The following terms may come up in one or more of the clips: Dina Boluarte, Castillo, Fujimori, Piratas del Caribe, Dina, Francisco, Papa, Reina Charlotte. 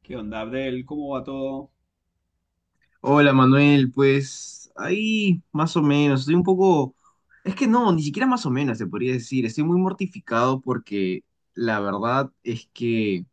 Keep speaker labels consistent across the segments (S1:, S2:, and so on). S1: ¿Qué onda, Abdel? ¿Cómo va todo?
S2: Hola Manuel, pues ahí más o menos, estoy un poco, es que no, ni siquiera más o menos se podría decir. Estoy muy mortificado porque la verdad es que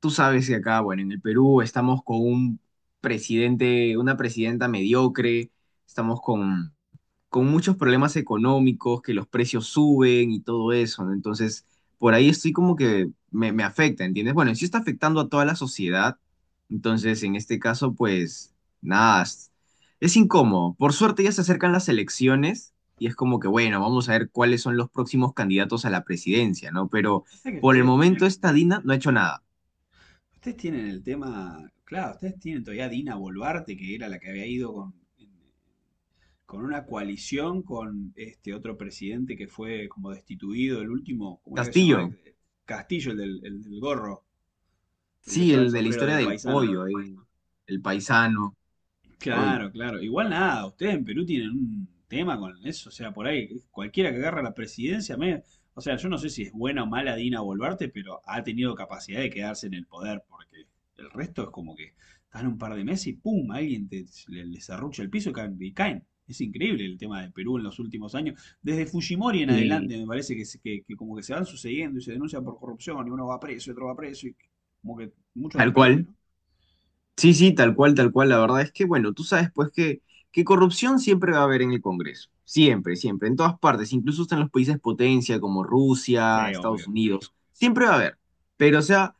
S2: tú sabes que acá, bueno, en el Perú estamos con un presidente, una presidenta mediocre. Estamos con muchos problemas económicos, que los precios suben y todo eso, ¿no? Entonces, por ahí estoy como que me afecta, ¿entiendes? Bueno, y sí está afectando a toda la sociedad. Entonces en este caso, pues nada, es incómodo. Por suerte ya se acercan las elecciones y es como que, bueno, vamos a ver cuáles son los próximos candidatos a la presidencia, ¿no? Pero
S1: Pasa que
S2: por el
S1: ustedes
S2: momento
S1: tienen.
S2: esta Dina no ha hecho
S1: Sí,
S2: nada.
S1: ustedes tienen el tema. Claro, ustedes tienen todavía a Dina Boluarte, que era la que había ido con, en- con una coalición con este otro presidente que fue como destituido, el último, ¿cómo era que se llamaba?
S2: Castillo.
S1: El- Castillo, el del gorro, el que
S2: Sí,
S1: usaba el
S2: el de la
S1: sombrero
S2: historia
S1: de
S2: del
S1: paisano.
S2: pollo, ahí, el paisano. Uy.
S1: Claro, claro. Igual nada, ustedes en Perú tienen un tema con eso, o sea, por ahí cualquiera que agarra la presidencia, me- o sea, yo no sé si es buena o mala Dina Boluarte, pero ha tenido capacidad de quedarse en el poder, porque el resto es como que están un par de meses y ¡pum! Alguien te, le serrucha el piso y caen, y caen. Es increíble el tema de Perú en los últimos años. Desde Fujimori en
S2: Y
S1: adelante me parece que, se- que como que se van sucediendo y se denuncian por corrupción y uno va preso y otro va preso y como que mucho
S2: tal
S1: despelote,
S2: cual.
S1: ¿no?
S2: Sí, sí, tal cual, tal cual. La verdad es que, bueno, tú sabes pues que corrupción siempre va a haber en el Congreso. Siempre, siempre, en todas partes, incluso hasta en los países potencia como Rusia,
S1: Sí, obvio.
S2: Estados Unidos. Siempre va a haber. Pero, o sea,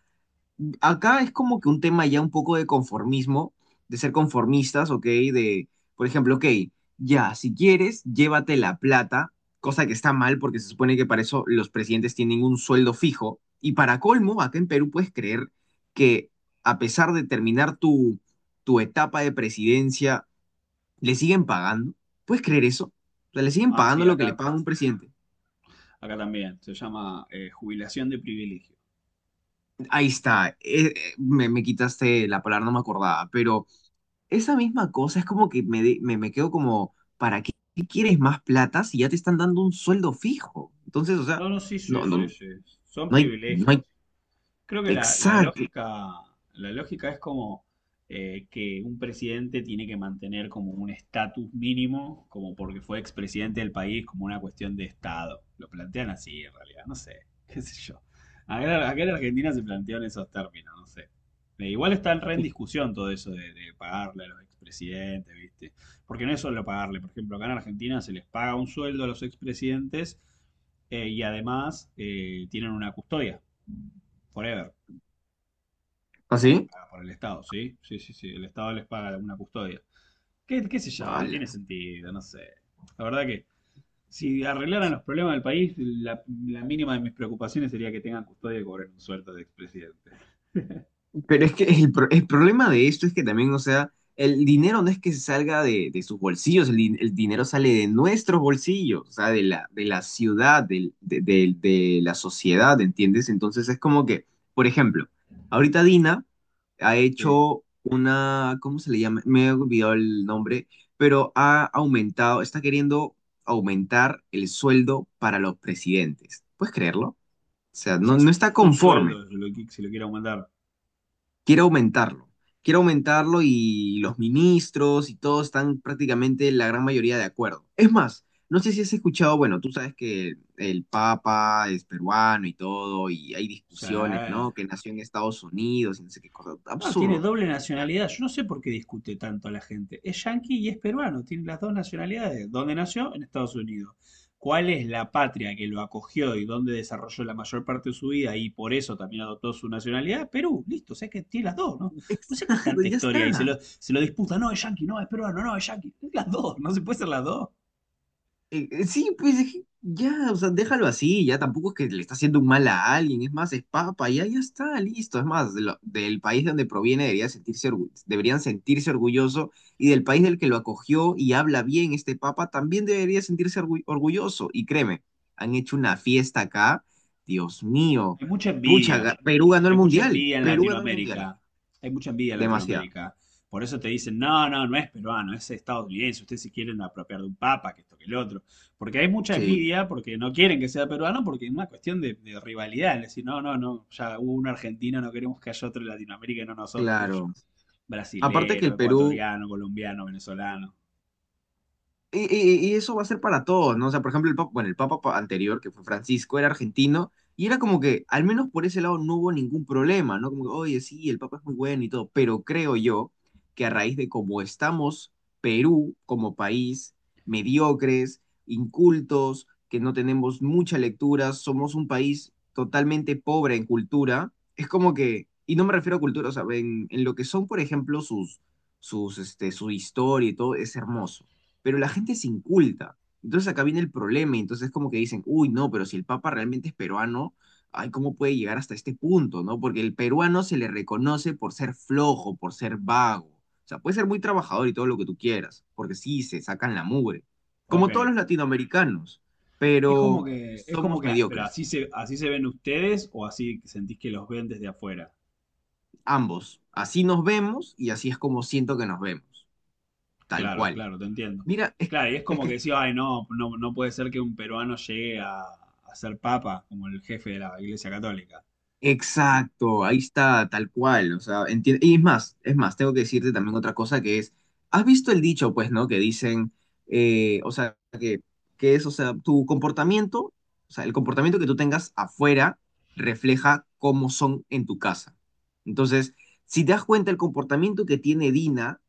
S2: acá es como que un tema ya un poco de conformismo, de ser conformistas, ¿ok? De, por ejemplo, ok, ya, si quieres, llévate la plata, cosa que está mal porque se supone que para eso los presidentes tienen un sueldo fijo. Y para colmo, acá en Perú puedes creer que a pesar de terminar tu, tu etapa de presidencia, le siguen pagando. ¿Puedes creer eso? O sea, le siguen
S1: Ah,
S2: pagando
S1: sí,
S2: lo que le
S1: acá.
S2: pagan a un presidente.
S1: Acá también. Se llama jubilación de privilegio.
S2: Ahí está. Me quitaste la palabra, no me acordaba, pero esa misma cosa es como que me quedo como, ¿para qué quieres más plata si ya te están dando un sueldo fijo? Entonces, o sea,
S1: No, no, sí, sí,
S2: no,
S1: sí,
S2: no,
S1: sí. Son
S2: no hay,
S1: privilegios. Creo que la
S2: exacto.
S1: lógica, la lógica es como que un presidente tiene que mantener como un estatus mínimo, como porque fue expresidente del país, como una cuestión de Estado. Lo plantean así en realidad, no sé, qué sé yo. Acá, acá en Argentina se plantean esos términos, no sé. Igual está en re en discusión todo eso de pagarle a los expresidentes, ¿viste? Porque no es solo pagarle, por ejemplo, acá en Argentina se les paga un sueldo a los expresidentes y además tienen una custodia, forever. También
S2: ¿Así?
S1: paga por el Estado, ¿sí? Sí, sí, sí. El Estado les paga alguna custodia. ¿Qué, qué sé yo? Tiene sentido, no sé. La verdad que si arreglaran los problemas del país, la mínima de mis preocupaciones sería que tengan custodia y cobren un sueldo de expresidente.
S2: Pero es que el problema de esto es que también, o sea, el dinero no es que salga de sus bolsillos. El dinero sale de nuestros bolsillos, o sea, de la ciudad, de la sociedad, ¿entiendes? Entonces es como que, por ejemplo, ahorita Dina ha
S1: Sí.
S2: hecho una, ¿cómo se le llama? Me he olvidado el nombre, pero ha aumentado, está queriendo aumentar el sueldo para los presidentes. ¿Puedes creerlo? O sea,
S1: O
S2: no,
S1: sea,
S2: no
S1: su,
S2: está
S1: su
S2: conforme,
S1: sueldo, si lo que- si lo quiere aumentar. O
S2: quiere aumentarlo. Quiere aumentarlo y los ministros y todos están prácticamente la gran mayoría de acuerdo. Es más, no sé si has escuchado, bueno, tú sabes que el Papa es peruano y todo, y hay discusiones,
S1: sea,
S2: ¿no? Que nació en Estados Unidos y no sé qué cosa.
S1: no, tiene
S2: Absurdo.
S1: doble
S2: Ya,
S1: nacionalidad. Yo no sé por qué discute tanto a la gente. Es yanqui y es peruano. Tiene las dos nacionalidades. ¿Dónde nació? En Estados Unidos. ¿Cuál es la patria que lo acogió y dónde desarrolló la mayor parte de su vida y por eso también adoptó su nacionalidad? Perú, listo, o sea que tiene las dos, ¿no? No sé qué
S2: exacto,
S1: tanta
S2: ya
S1: historia hay,
S2: está.
S1: se lo disputa, no, es yanqui, no, es peruano, no, es yanqui. Las dos, no se puede ser las dos.
S2: Sí, pues es que ya, o sea, déjalo así, ya tampoco es que le está haciendo un mal a alguien, es más, es papa, ya, ya está, listo, es más, del país de donde proviene debería sentirse, deberían sentirse orgulloso y del país del que lo acogió y habla bien este papa también debería sentirse orgulloso y créeme, han hecho una fiesta acá, Dios mío,
S1: Hay mucha
S2: pucha,
S1: envidia,
S2: Perú ganó el
S1: hay mucha
S2: mundial,
S1: envidia en
S2: Perú ganó el mundial,
S1: Latinoamérica, hay mucha envidia en
S2: demasiado,
S1: Latinoamérica. Por eso te dicen, no, no, no es peruano, es estadounidense, ustedes se quieren apropiar de un papa, que esto, que el otro. Porque hay mucha
S2: sí,
S1: envidia, porque no quieren que sea peruano, porque es una cuestión de rivalidad. Es decir, no, no, no, ya hubo un argentino, no queremos que haya otro en Latinoamérica y no nosotros, qué sé yo.
S2: claro, aparte que
S1: Brasilero,
S2: el Perú...
S1: ecuatoriano, colombiano, venezolano.
S2: Y eso va a ser para todos, ¿no? O sea, por ejemplo, el papa, bueno, el papa anterior, que fue Francisco, era argentino, y era como que, al menos por ese lado, no hubo ningún problema, ¿no? Como que, oye, sí, el papa es muy bueno y todo, pero creo yo que a raíz de cómo estamos, Perú como país, mediocres, incultos, que no tenemos mucha lectura, somos un país totalmente pobre en cultura, es como que, y no me refiero a cultura, o sea, en lo que son, por ejemplo, su historia y todo, es hermoso pero la gente es inculta. Entonces acá viene el problema, y entonces como que dicen, uy, no, pero si el Papa realmente es peruano, ay, ¿cómo puede llegar hasta este punto, no? Porque el peruano se le reconoce por ser flojo, por ser vago. O sea, puede ser muy trabajador y todo lo que tú quieras, porque sí, se sacan la mugre,
S1: Ok.
S2: como todos los latinoamericanos, pero
S1: Es como
S2: somos
S1: que, pero
S2: mediocres,
S1: así se ven ustedes o así sentís que los ven desde afuera.
S2: ambos. Así nos vemos y así es como siento que nos vemos, tal
S1: Claro,
S2: cual.
S1: claro, te entiendo.
S2: Mira,
S1: Claro, y es
S2: es
S1: como que
S2: que
S1: decía, ay, no, no, no puede ser que un peruano llegue a ser papa como el jefe de la Iglesia Católica. Sí.
S2: exacto, ahí está, tal cual. O sea, y es más, tengo que decirte también otra cosa que es, ¿has visto el dicho, pues, ¿no? Que dicen, o sea, que es, o sea, tu comportamiento, o sea, el comportamiento que tú tengas afuera refleja cómo son en tu casa. Entonces, si te das cuenta, el comportamiento que tiene Dina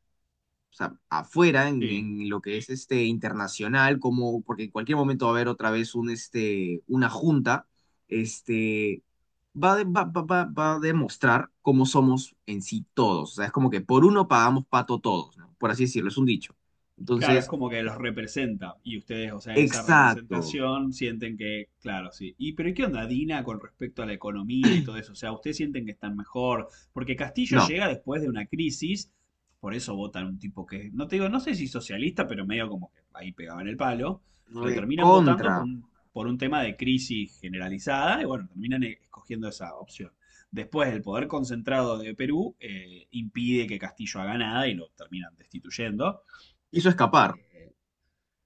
S2: o sea, afuera, en,
S1: Sí,
S2: en lo que es este internacional, como, porque en cualquier momento va a haber otra vez una junta, este, va, de- va, va, va- va a demostrar cómo somos en sí todos. O sea, es como que por uno pagamos pato todos, ¿no? Por así decirlo, es un dicho.
S1: claro, es
S2: Entonces,
S1: como que los representa y ustedes, o sea, esa
S2: exacto.
S1: representación sienten que, claro, sí. Y pero ¿y qué onda Dina con respecto a la economía y todo eso? O sea, ustedes sienten que están mejor, porque Castillo
S2: No,
S1: llega después de una crisis, por eso votan un tipo que, no te digo, no sé si socialista, pero medio como que ahí pegaban el palo, lo terminan votando
S2: recontra.
S1: por un tema de crisis generalizada y bueno, terminan e- escogiendo esa opción. Después, el poder concentrado de Perú impide que Castillo haga nada y lo terminan destituyendo.
S2: Hizo escapar.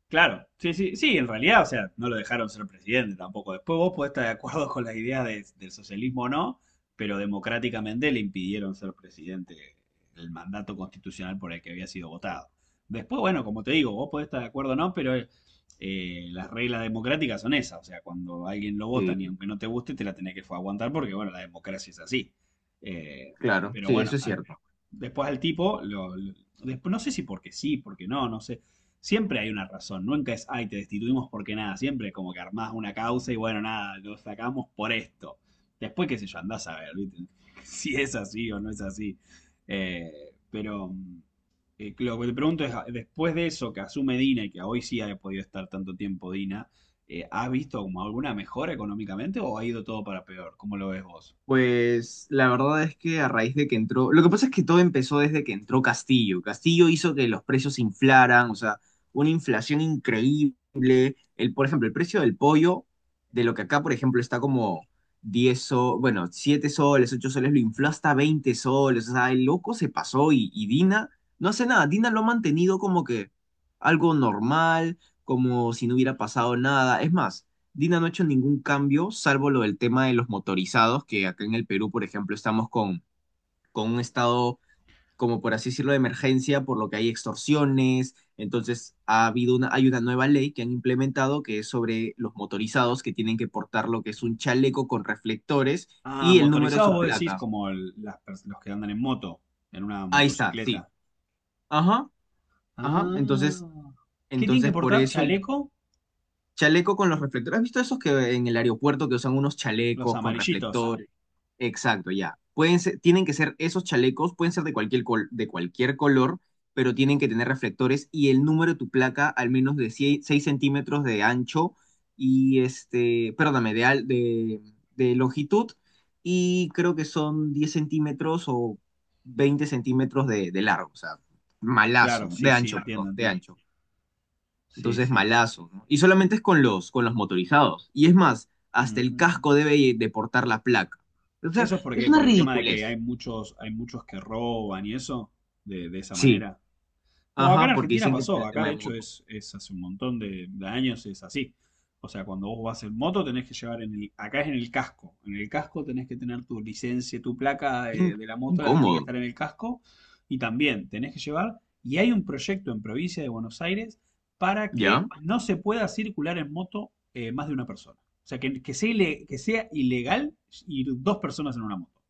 S1: Claro, sí, sí, sí, en realidad, o sea, no lo dejaron ser presidente tampoco. Después vos podés estar de acuerdo con las ideas de- del socialismo o no, pero democráticamente le impidieron ser presidente el mandato constitucional por el que había sido votado. Después, bueno, como te digo, vos podés estar de acuerdo o no, pero las reglas democráticas son esas. O sea, cuando a alguien lo votan y
S2: Sí,
S1: aunque no te guste, te la tenés que aguantar porque, bueno, la democracia es así. Eh,
S2: claro,
S1: pero
S2: sí,
S1: bueno,
S2: eso es
S1: al-
S2: cierto.
S1: después al tipo, lo- después, no sé si porque sí, porque no, no sé. Siempre hay una razón, nunca es, ay, te destituimos porque nada, siempre como que armás una causa y bueno, nada, lo sacamos por esto. Después, qué sé yo, andás a ver, ¿viste? si es así o no es así. Eh, pero mm, lo que te pregunto es, después de eso que asume Dina y que hoy sí ha podido estar tanto tiempo Dina, ¿has visto como alguna mejora económicamente o ha ido todo para peor? ¿Cómo lo ves vos?
S2: Pues la verdad es que a raíz de que entró, lo que pasa es que todo empezó desde que entró Castillo. Castillo hizo que los precios se inflaran, o sea, una inflación increíble. El, por ejemplo, el precio del pollo, de lo que acá, por ejemplo, está como 10 soles, bueno, 7 soles, 8 soles, lo infló hasta 20 soles. O sea, el loco se pasó y Dina no hace nada. Dina lo ha mantenido como que algo normal, como si no hubiera pasado nada. Es más. Dina no ha hecho ningún cambio, salvo lo del tema de los motorizados, que acá en el Perú, por ejemplo, estamos con un estado, como por así decirlo, de emergencia, por lo que hay extorsiones. Entonces, ha habido una, hay una nueva ley que han implementado que es sobre los motorizados que tienen que portar lo que es un chaleco con reflectores
S1: Ah,
S2: y el número de
S1: motorizados
S2: su
S1: vos decís
S2: placa.
S1: como el- las pers- los que andan en moto, en una
S2: Ahí está,
S1: motocicleta.
S2: sí. Ajá, ajá. Entonces,
S1: Ah. ¿Qué tienen que
S2: entonces por
S1: portar?
S2: eso y
S1: ¿Chaleco?
S2: chaleco con los reflectores. ¿Has visto esos que en el aeropuerto que usan unos
S1: Los
S2: chalecos con
S1: amarillitos.
S2: reflectores? Exacto, ya. Pueden ser- tienen que ser esos chalecos, pueden ser de cualquier col- de cualquier color, pero tienen que tener reflectores y el número de tu placa al menos de 6 centímetros de ancho y este, perdóname, de longitud y creo que son 10 centímetros o 20 centímetros de largo, o sea,
S1: Claro,
S2: malazo, de
S1: sí, sí,
S2: ancho,
S1: entiendo,
S2: perdón, de
S1: entiendo.
S2: ancho.
S1: Sí,
S2: Entonces,
S1: sí, sí.
S2: malazo, ¿no? Y solamente es con los, motorizados. Y es más, hasta el
S1: Mm.
S2: casco debe de portar la placa. O sea,
S1: Eso es
S2: es
S1: porque
S2: una
S1: por el tema de que
S2: ridiculez.
S1: hay muchos que roban y eso, de esa
S2: Sí.
S1: manera. Bueno, acá en
S2: Ajá, porque
S1: Argentina
S2: dicen que por
S1: pasó,
S2: el
S1: acá
S2: tema
S1: de
S2: de
S1: hecho
S2: motos.
S1: es hace un montón de años es así. O sea, cuando vos vas en moto tenés que llevar en el, acá es en el casco tenés que tener tu licencia, tu placa
S2: Qué in-
S1: de la moto la- tiene que
S2: Incómodo,
S1: estar en el casco y también tenés que llevar, y hay un proyecto en provincia de Buenos Aires para
S2: ¿ya?
S1: que no se pueda circular en moto más de una persona. O sea, que sea, ile- que sea ilegal ir dos personas en una moto.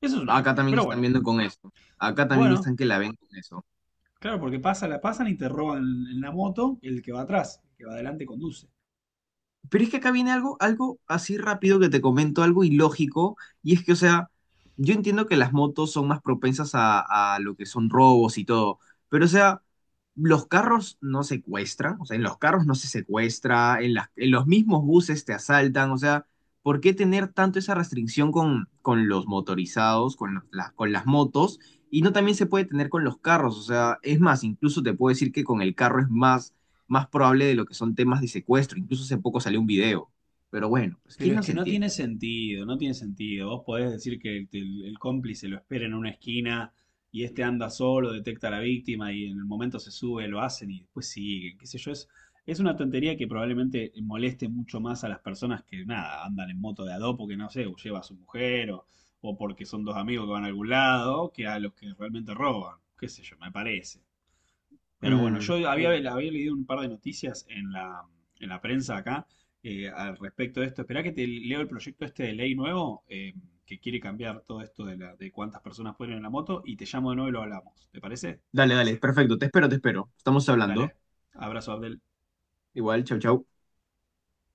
S1: Eso es una
S2: Acá
S1: locura,
S2: también
S1: pero
S2: están
S1: bueno.
S2: viendo con esto. Acá también
S1: Bueno,
S2: están que la ven con eso.
S1: claro, porque pasa, la pasan y te roban en la moto el que va atrás, el que va adelante conduce.
S2: Pero es que acá viene algo así rápido que te comento, algo ilógico, y es que, o sea, yo entiendo que las motos son más propensas a, lo que son robos y todo, pero, o sea, los carros no secuestran, o sea, en los carros no se secuestra, en las, en los mismos buses te asaltan, o sea, ¿por qué tener tanto esa restricción con, los motorizados, con, con las motos? Y no también se puede tener con los carros, o sea, es más, incluso te puedo decir que con el carro es más probable de lo que son temas de secuestro. Incluso hace poco salió un video. Pero bueno, pues
S1: Pero
S2: ¿quién
S1: es
S2: nos
S1: que no tiene
S2: entiende?
S1: sentido, no tiene sentido. Vos podés decir que el cómplice lo espera en una esquina y este anda solo, detecta a la víctima y en el momento se sube, lo hacen y después siguen, qué sé yo. Es una tontería que probablemente moleste mucho más a las personas que, nada, andan en moto de a dos porque, no sé, o lleva a su mujer o porque son dos amigos que van a algún lado, que a los que realmente roban, qué sé yo, me parece. Pero bueno, yo
S2: Mm,
S1: había,
S2: bueno.
S1: había leído un par de noticias en la prensa acá al respecto de esto. Esperá que te leo el proyecto este de ley nuevo que quiere cambiar todo esto de, la, de cuántas personas pueden ir en la moto y te llamo de nuevo y lo hablamos. ¿Te parece?
S2: Dale, dale, perfecto. Te espero, te espero. Estamos hablando.
S1: Dale, abrazo Abdel.
S2: Igual, chau, chau.